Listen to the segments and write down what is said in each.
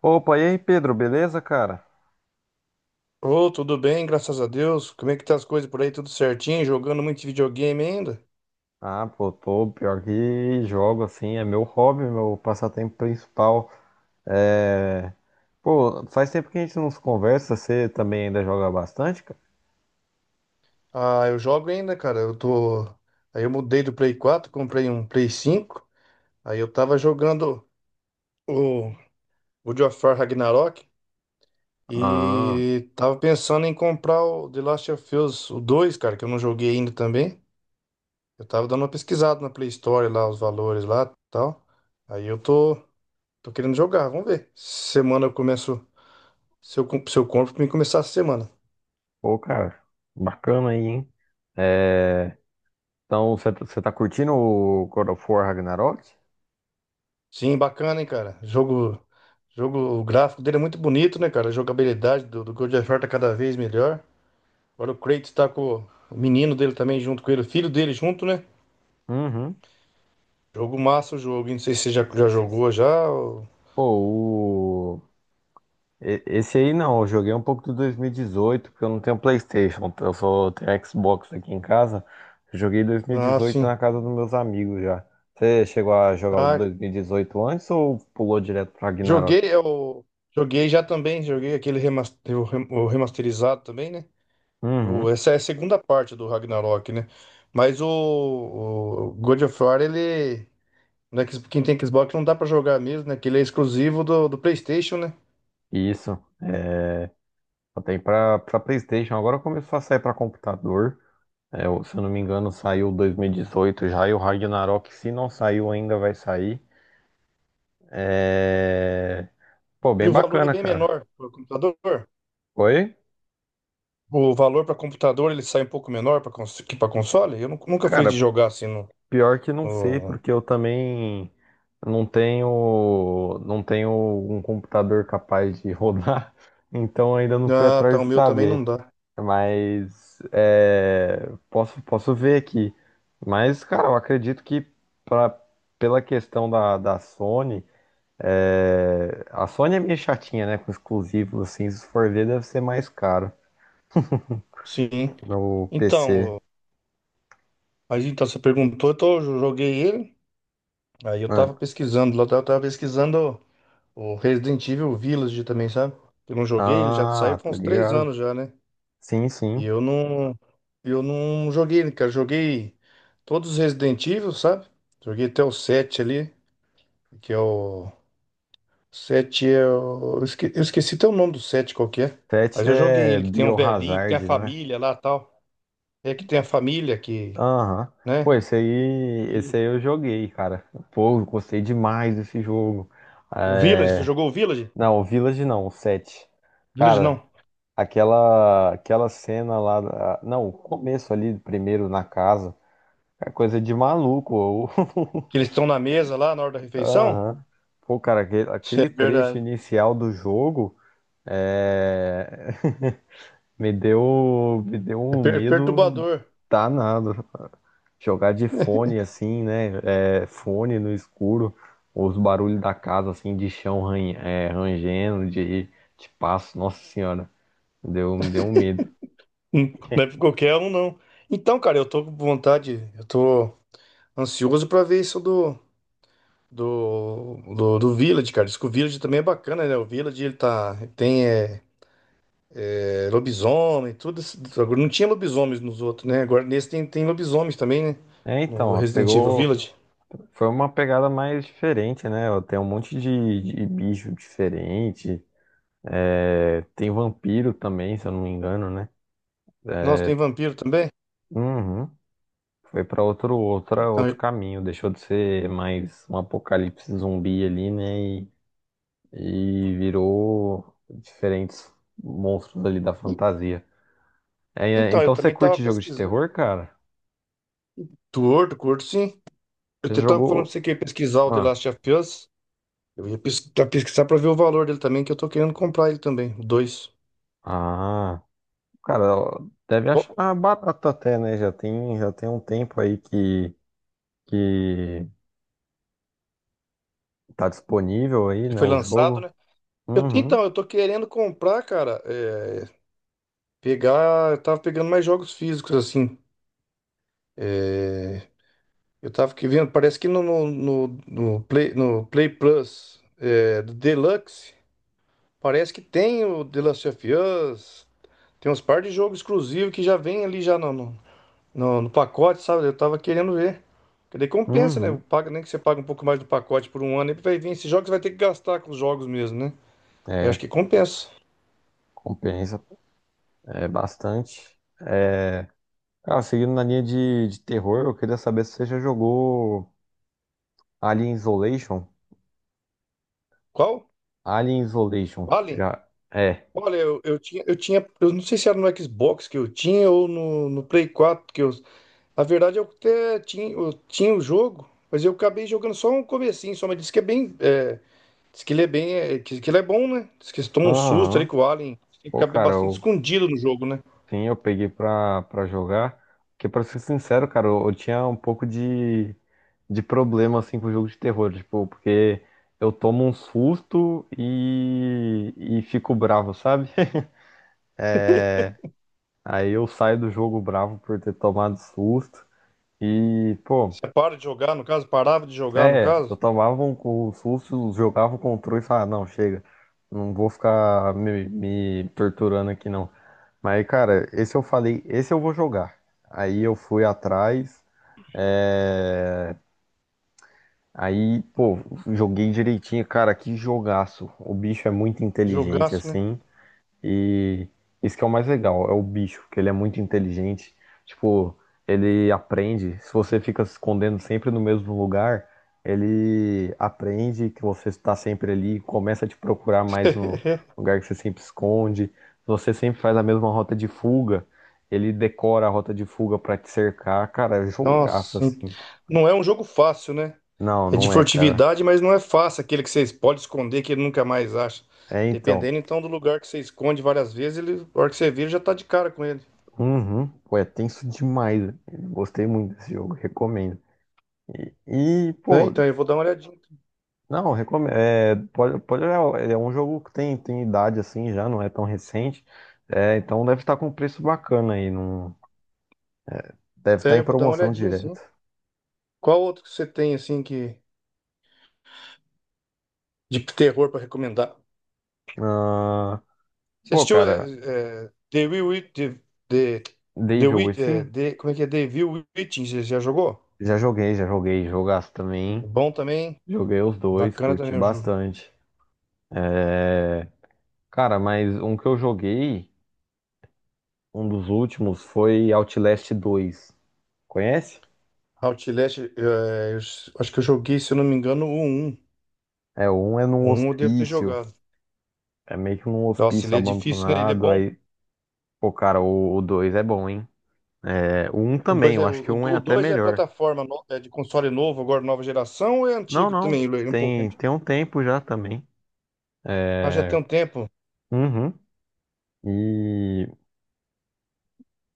Opa, e aí, Pedro, beleza, cara? Ô, tudo bem, graças a Deus. Como é que tá as coisas por aí? Tudo certinho? Jogando muito videogame ainda? Ah, pô, tô pior que jogo, assim, é meu hobby, meu passatempo principal. É... Pô, faz tempo que a gente não se conversa, você também ainda joga bastante, cara? Ah, eu jogo ainda, cara. Eu tô. Aí eu mudei do Play 4, comprei um Play 5. Aí eu tava jogando o God of War Ragnarok Ah, e tava pensando em comprar o The Last of Us, o 2, cara, que eu não joguei ainda também. Eu tava dando uma pesquisada na Play Store lá, os valores lá, e tal. Aí eu tô querendo jogar, vamos ver. Semana eu começo, se eu compro, pra mim começar a semana. pô, cara, bacana aí, hein? É... Então, você tá curtindo o God of War Ragnarok? Sim, bacana, hein, cara. Jogo, jogo, o gráfico dele é muito bonito, né, cara? A jogabilidade do God of War tá cada vez melhor. Agora o Kratos tá com o menino dele também junto com ele, o filho dele junto, né? Uhum. Jogo massa o jogo, hein? Não sei se você já jogou já. Pô, Esse aí não, eu joguei um pouco do 2018, porque eu não tenho PlayStation, eu só tenho Xbox aqui em casa. Eu joguei Ah, 2018 sim. na casa dos meus amigos já. Você chegou a jogar o Ah, 2018 antes ou pulou direto pra Ragnarok? joguei, eu joguei já também, joguei aquele o remasterizado também, né? O, Uhum, essa é a segunda parte do Ragnarok, né? Mas o God of War, ele. No X- Quem tem Xbox não dá pra jogar mesmo, né? Que ele é exclusivo do PlayStation, né? isso. É, só tem pra, pra PlayStation, agora começou a sair pra computador. É, se eu não me engano, saiu 2018 já, e o Ragnarok, se não saiu ainda, vai sair. É... Pô, E bem o valor é bacana, bem cara. menor para computador. Oi? O valor para computador ele sai um pouco menor que para console. Eu nunca fui de Cara, jogar assim no, pior que não sei, no- porque eu também não tenho, não tenho um computador capaz de rodar, então ainda não fui Ah, tá. atrás O de meu também saber. não dá. Mas é, posso, posso ver aqui. Mas, cara, eu acredito que pra, pela questão da, da Sony, é, a Sony é meio chatinha, né? Com exclusivos, assim, se for ver, deve ser mais caro Sim. no PC. Então, mas então você perguntou, então eu joguei ele. Aí eu Ah, tava pesquisando, lá eu tava pesquisando o Resident Evil Village também, sabe? Eu não joguei, ele já saiu tá faz uns três ligado? anos já, né? Sim, E sim. eu não joguei, né, cara. Joguei todos os Resident Evil, sabe? Joguei até o 7 ali, que é o 7 é Eu esqueci até o nome do 7 qual que é. Mas Tete eu joguei é ele, que tem um velhinho, que tem a Biohazard, não é? família lá tal. É que tem a família que, Aham. né? Pô, esse aí, esse E aí eu joguei, cara. Pô, eu gostei demais desse jogo. o Village, você É... jogou o Village? Não, o Village não, o 7. Village Cara, não. aquela Não, o começo ali, primeiro na casa. É coisa de maluco, ô. Que eles estão na mesa lá na hora da refeição. Aham. Pô, cara, aquele, Isso é aquele trecho verdade. inicial do jogo é... me deu É um medo perturbador. danado. Jogar de fone assim, né? É, fone no escuro, os barulhos da casa assim, de chão rangendo, de passo, nossa senhora, me deu um medo. Não é pra qualquer um, não. Então, cara, eu tô com vontade, eu tô. Ansioso pra ver isso do Village, cara. Diz que o Village também é bacana, né? O Village, ele tá... Tem lobisomem, tudo. Agora não tinha lobisomens nos outros, né? Agora nesse tem lobisomens também, né? É, então, No ó, Resident Evil pegou, Village. foi uma pegada mais diferente, né? Ó, tem um monte de bicho diferente, é, tem vampiro também, se eu não me engano, né? Nossa, tem vampiro também? Uhum. Foi para Então, outro caminho, deixou de ser mais um apocalipse zumbi ali, né? E virou diferentes monstros ali da fantasia. Então, eu Então você também tava curte jogo de pesquisando. terror, cara? Torto, curto, sim. Eu Você até tava falando pra jogou. você que eu ia pesquisar o The Ah, Last of Us. Eu ia pesquisar, pesquisar pra ver o valor dele também, que eu tô querendo comprar ele também, o 2. ah, cara, deve achar barato até, né? Já tem um tempo aí que tá disponível aí, Ele né? foi O lançado, jogo. né? Uhum, Então, eu tô querendo comprar, cara, pegar. Eu tava pegando mais jogos físicos, assim. É, eu tava que vendo, parece que no Play, no Play Plus do Deluxe, parece que tem o The Last of Us, tem uns par de jogos exclusivos que já vem ali já no pacote, sabe? Eu tava querendo ver. Porque daí compensa, né? uhum. Paga, nem que você paga um pouco mais do pacote por um ano, aí vai vir esses jogos, você vai ter que gastar com os jogos mesmo, né? Eu acho É, que compensa. compensa é bastante. É, cara, seguindo na linha de terror, eu queria saber se você já jogou Alien Isolation. Qual? Alien Isolation, Vale? já é. Olha, eu tinha, eu tinha, eu não sei se era no Xbox que eu tinha ou no Play 4 que eu. A verdade, é que eu até tinha, eu tinha o jogo, mas eu acabei jogando só um comecinho, só, mas disse que é bem. É, diz que ele é bem. É, que ele é bom, né? Diz que você toma um susto ali Aham. com o Alien. Tem que Pô, ficar cara, bastante eu, escondido no jogo, né? sim, eu peguei pra, pra jogar. Porque, pra ser sincero, cara, eu tinha um pouco de problema, assim, com o jogo de terror. Tipo, porque eu tomo um susto e fico bravo, sabe? Aí eu saio do jogo bravo por ter tomado susto. E, pô. Você para de jogar, no caso, parava de jogar, no É, eu caso. tomava um susto, jogava o controle e falava, não, chega, não vou ficar me torturando aqui não. Mas, cara, esse eu falei, esse eu vou jogar. Aí eu fui atrás, é, aí, pô, joguei direitinho, cara, que jogaço. O bicho é muito inteligente, Jogaço, né? assim. E isso que é o mais legal, é o bicho, que ele é muito inteligente. Tipo, ele aprende. Se você fica se escondendo sempre no mesmo lugar, ele aprende que você está sempre ali, começa a te procurar mais no lugar que você sempre esconde. Se você sempre faz a mesma rota de fuga, ele decora a rota de fuga para te cercar. Cara, é Nossa, jogaço sim. assim. Não é um jogo fácil, né? Não, É de não é, cara. furtividade, mas não é fácil aquele que vocês pode esconder que ele nunca mais acha. É então. Dependendo então do lugar que você esconde várias vezes, ele, a hora que você vira já tá de cara com ele. Uhum. Pô, é tenso demais. Gostei muito desse jogo, recomendo. E, e, É, pô, então eu vou dar uma olhadinha. Não, recomendo. É, pode, pode olhar, é um jogo que tem, tem idade assim já, não é tão recente. É, então deve estar com um preço bacana aí. Não, deve estar É, em eu vou dar uma promoção olhadinha assim. direto. Qual outro que você tem assim que de terror pra recomendar? Ah, Você pô, assistiu cara, The Will Wit- The, The, The Devil Wit- Within? Como é que é? The Will Witching, você já jogou? Já joguei, já joguei. Jogaço É também. bom também, hein? Joguei os dois, Bacana curti também o jogo. bastante. É, cara, mas um que eu joguei, um dos últimos, foi Outlast 2. Conhece? Outlast, eu acho que eu joguei, se eu não me engano, o um. É, um é num O 1 eu devo ter hospício. jogado. É meio que num Nossa, hospício ele é difícil, né? Ele é abandonado. bom. Aí pô, cara, o dois é bom, hein? É, o um O também, 2 eu é, acho que o um é o até 2 é melhor. plataforma é de console novo, agora nova geração, ou é Não, antigo não. também? Ele é um pouco Tem, antigo. tem um tempo já também. Ah, já tem É, um tempo. uhum. E,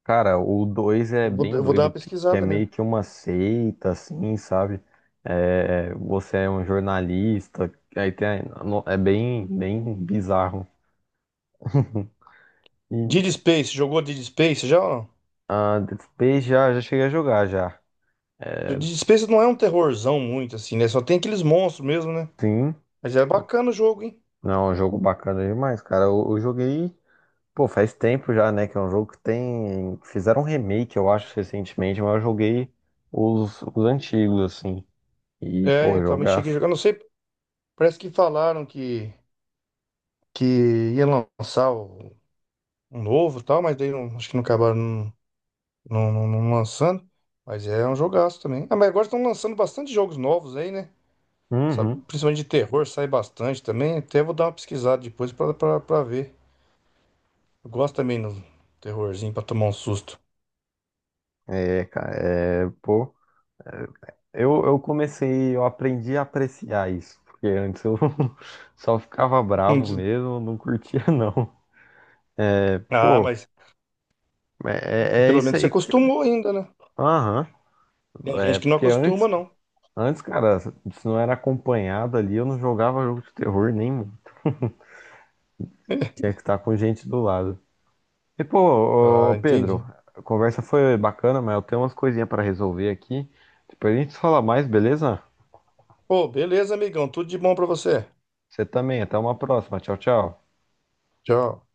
cara, o dois é Eu vou, bem eu vou dar doido, uma que é pesquisada, né? meio que uma seita, assim, sabe? É, você é um jornalista, aí tem, a- no- é bem bizarro. E Dead Space, jogou Dead Space já ou não? a Dead Space já, já cheguei a jogar já. Dead Space não é um terrorzão muito, assim, né? Só tem aqueles monstros mesmo, né? Sim. Mas é bacana o jogo, hein? Não, é um jogo bacana demais, cara. Eu joguei. Pô, faz tempo já, né? Que é um jogo que tem. Fizeram um remake, eu acho, recentemente, mas eu joguei os antigos, assim. E, É, pô, eu também cheguei a jogaço. jogar. Não sei, parece que falaram que, ia lançar um novo e tal, mas daí não, acho que não acabaram. Não, não, não lançando. Mas é um jogaço também. Ah, mas agora estão lançando bastante jogos novos aí, né? Sabe, Uhum. principalmente de terror, sai bastante também. Até vou dar uma pesquisada depois pra ver. Eu gosto também do terrorzinho pra tomar um susto. É, cara, é, pô. Eu comecei, eu aprendi a apreciar isso. Porque antes eu só ficava bravo mesmo, não curtia, não. Ah, Pô, mas é pelo isso menos você aí, cara. acostumou ainda, né? Aham. Tem É, gente que não porque acostuma, não. antes, cara, se não era acompanhado ali, eu não jogava jogo de terror nem. Tinha que estar com gente do lado. E pô, Ah, ô, Pedro, entendi. a conversa foi bacana, mas eu tenho umas coisinhas para resolver aqui. Depois a gente fala mais, beleza? Pô, beleza, amigão. Tudo de bom pra você. Você também, até uma próxima. Tchau, tchau. Tchau.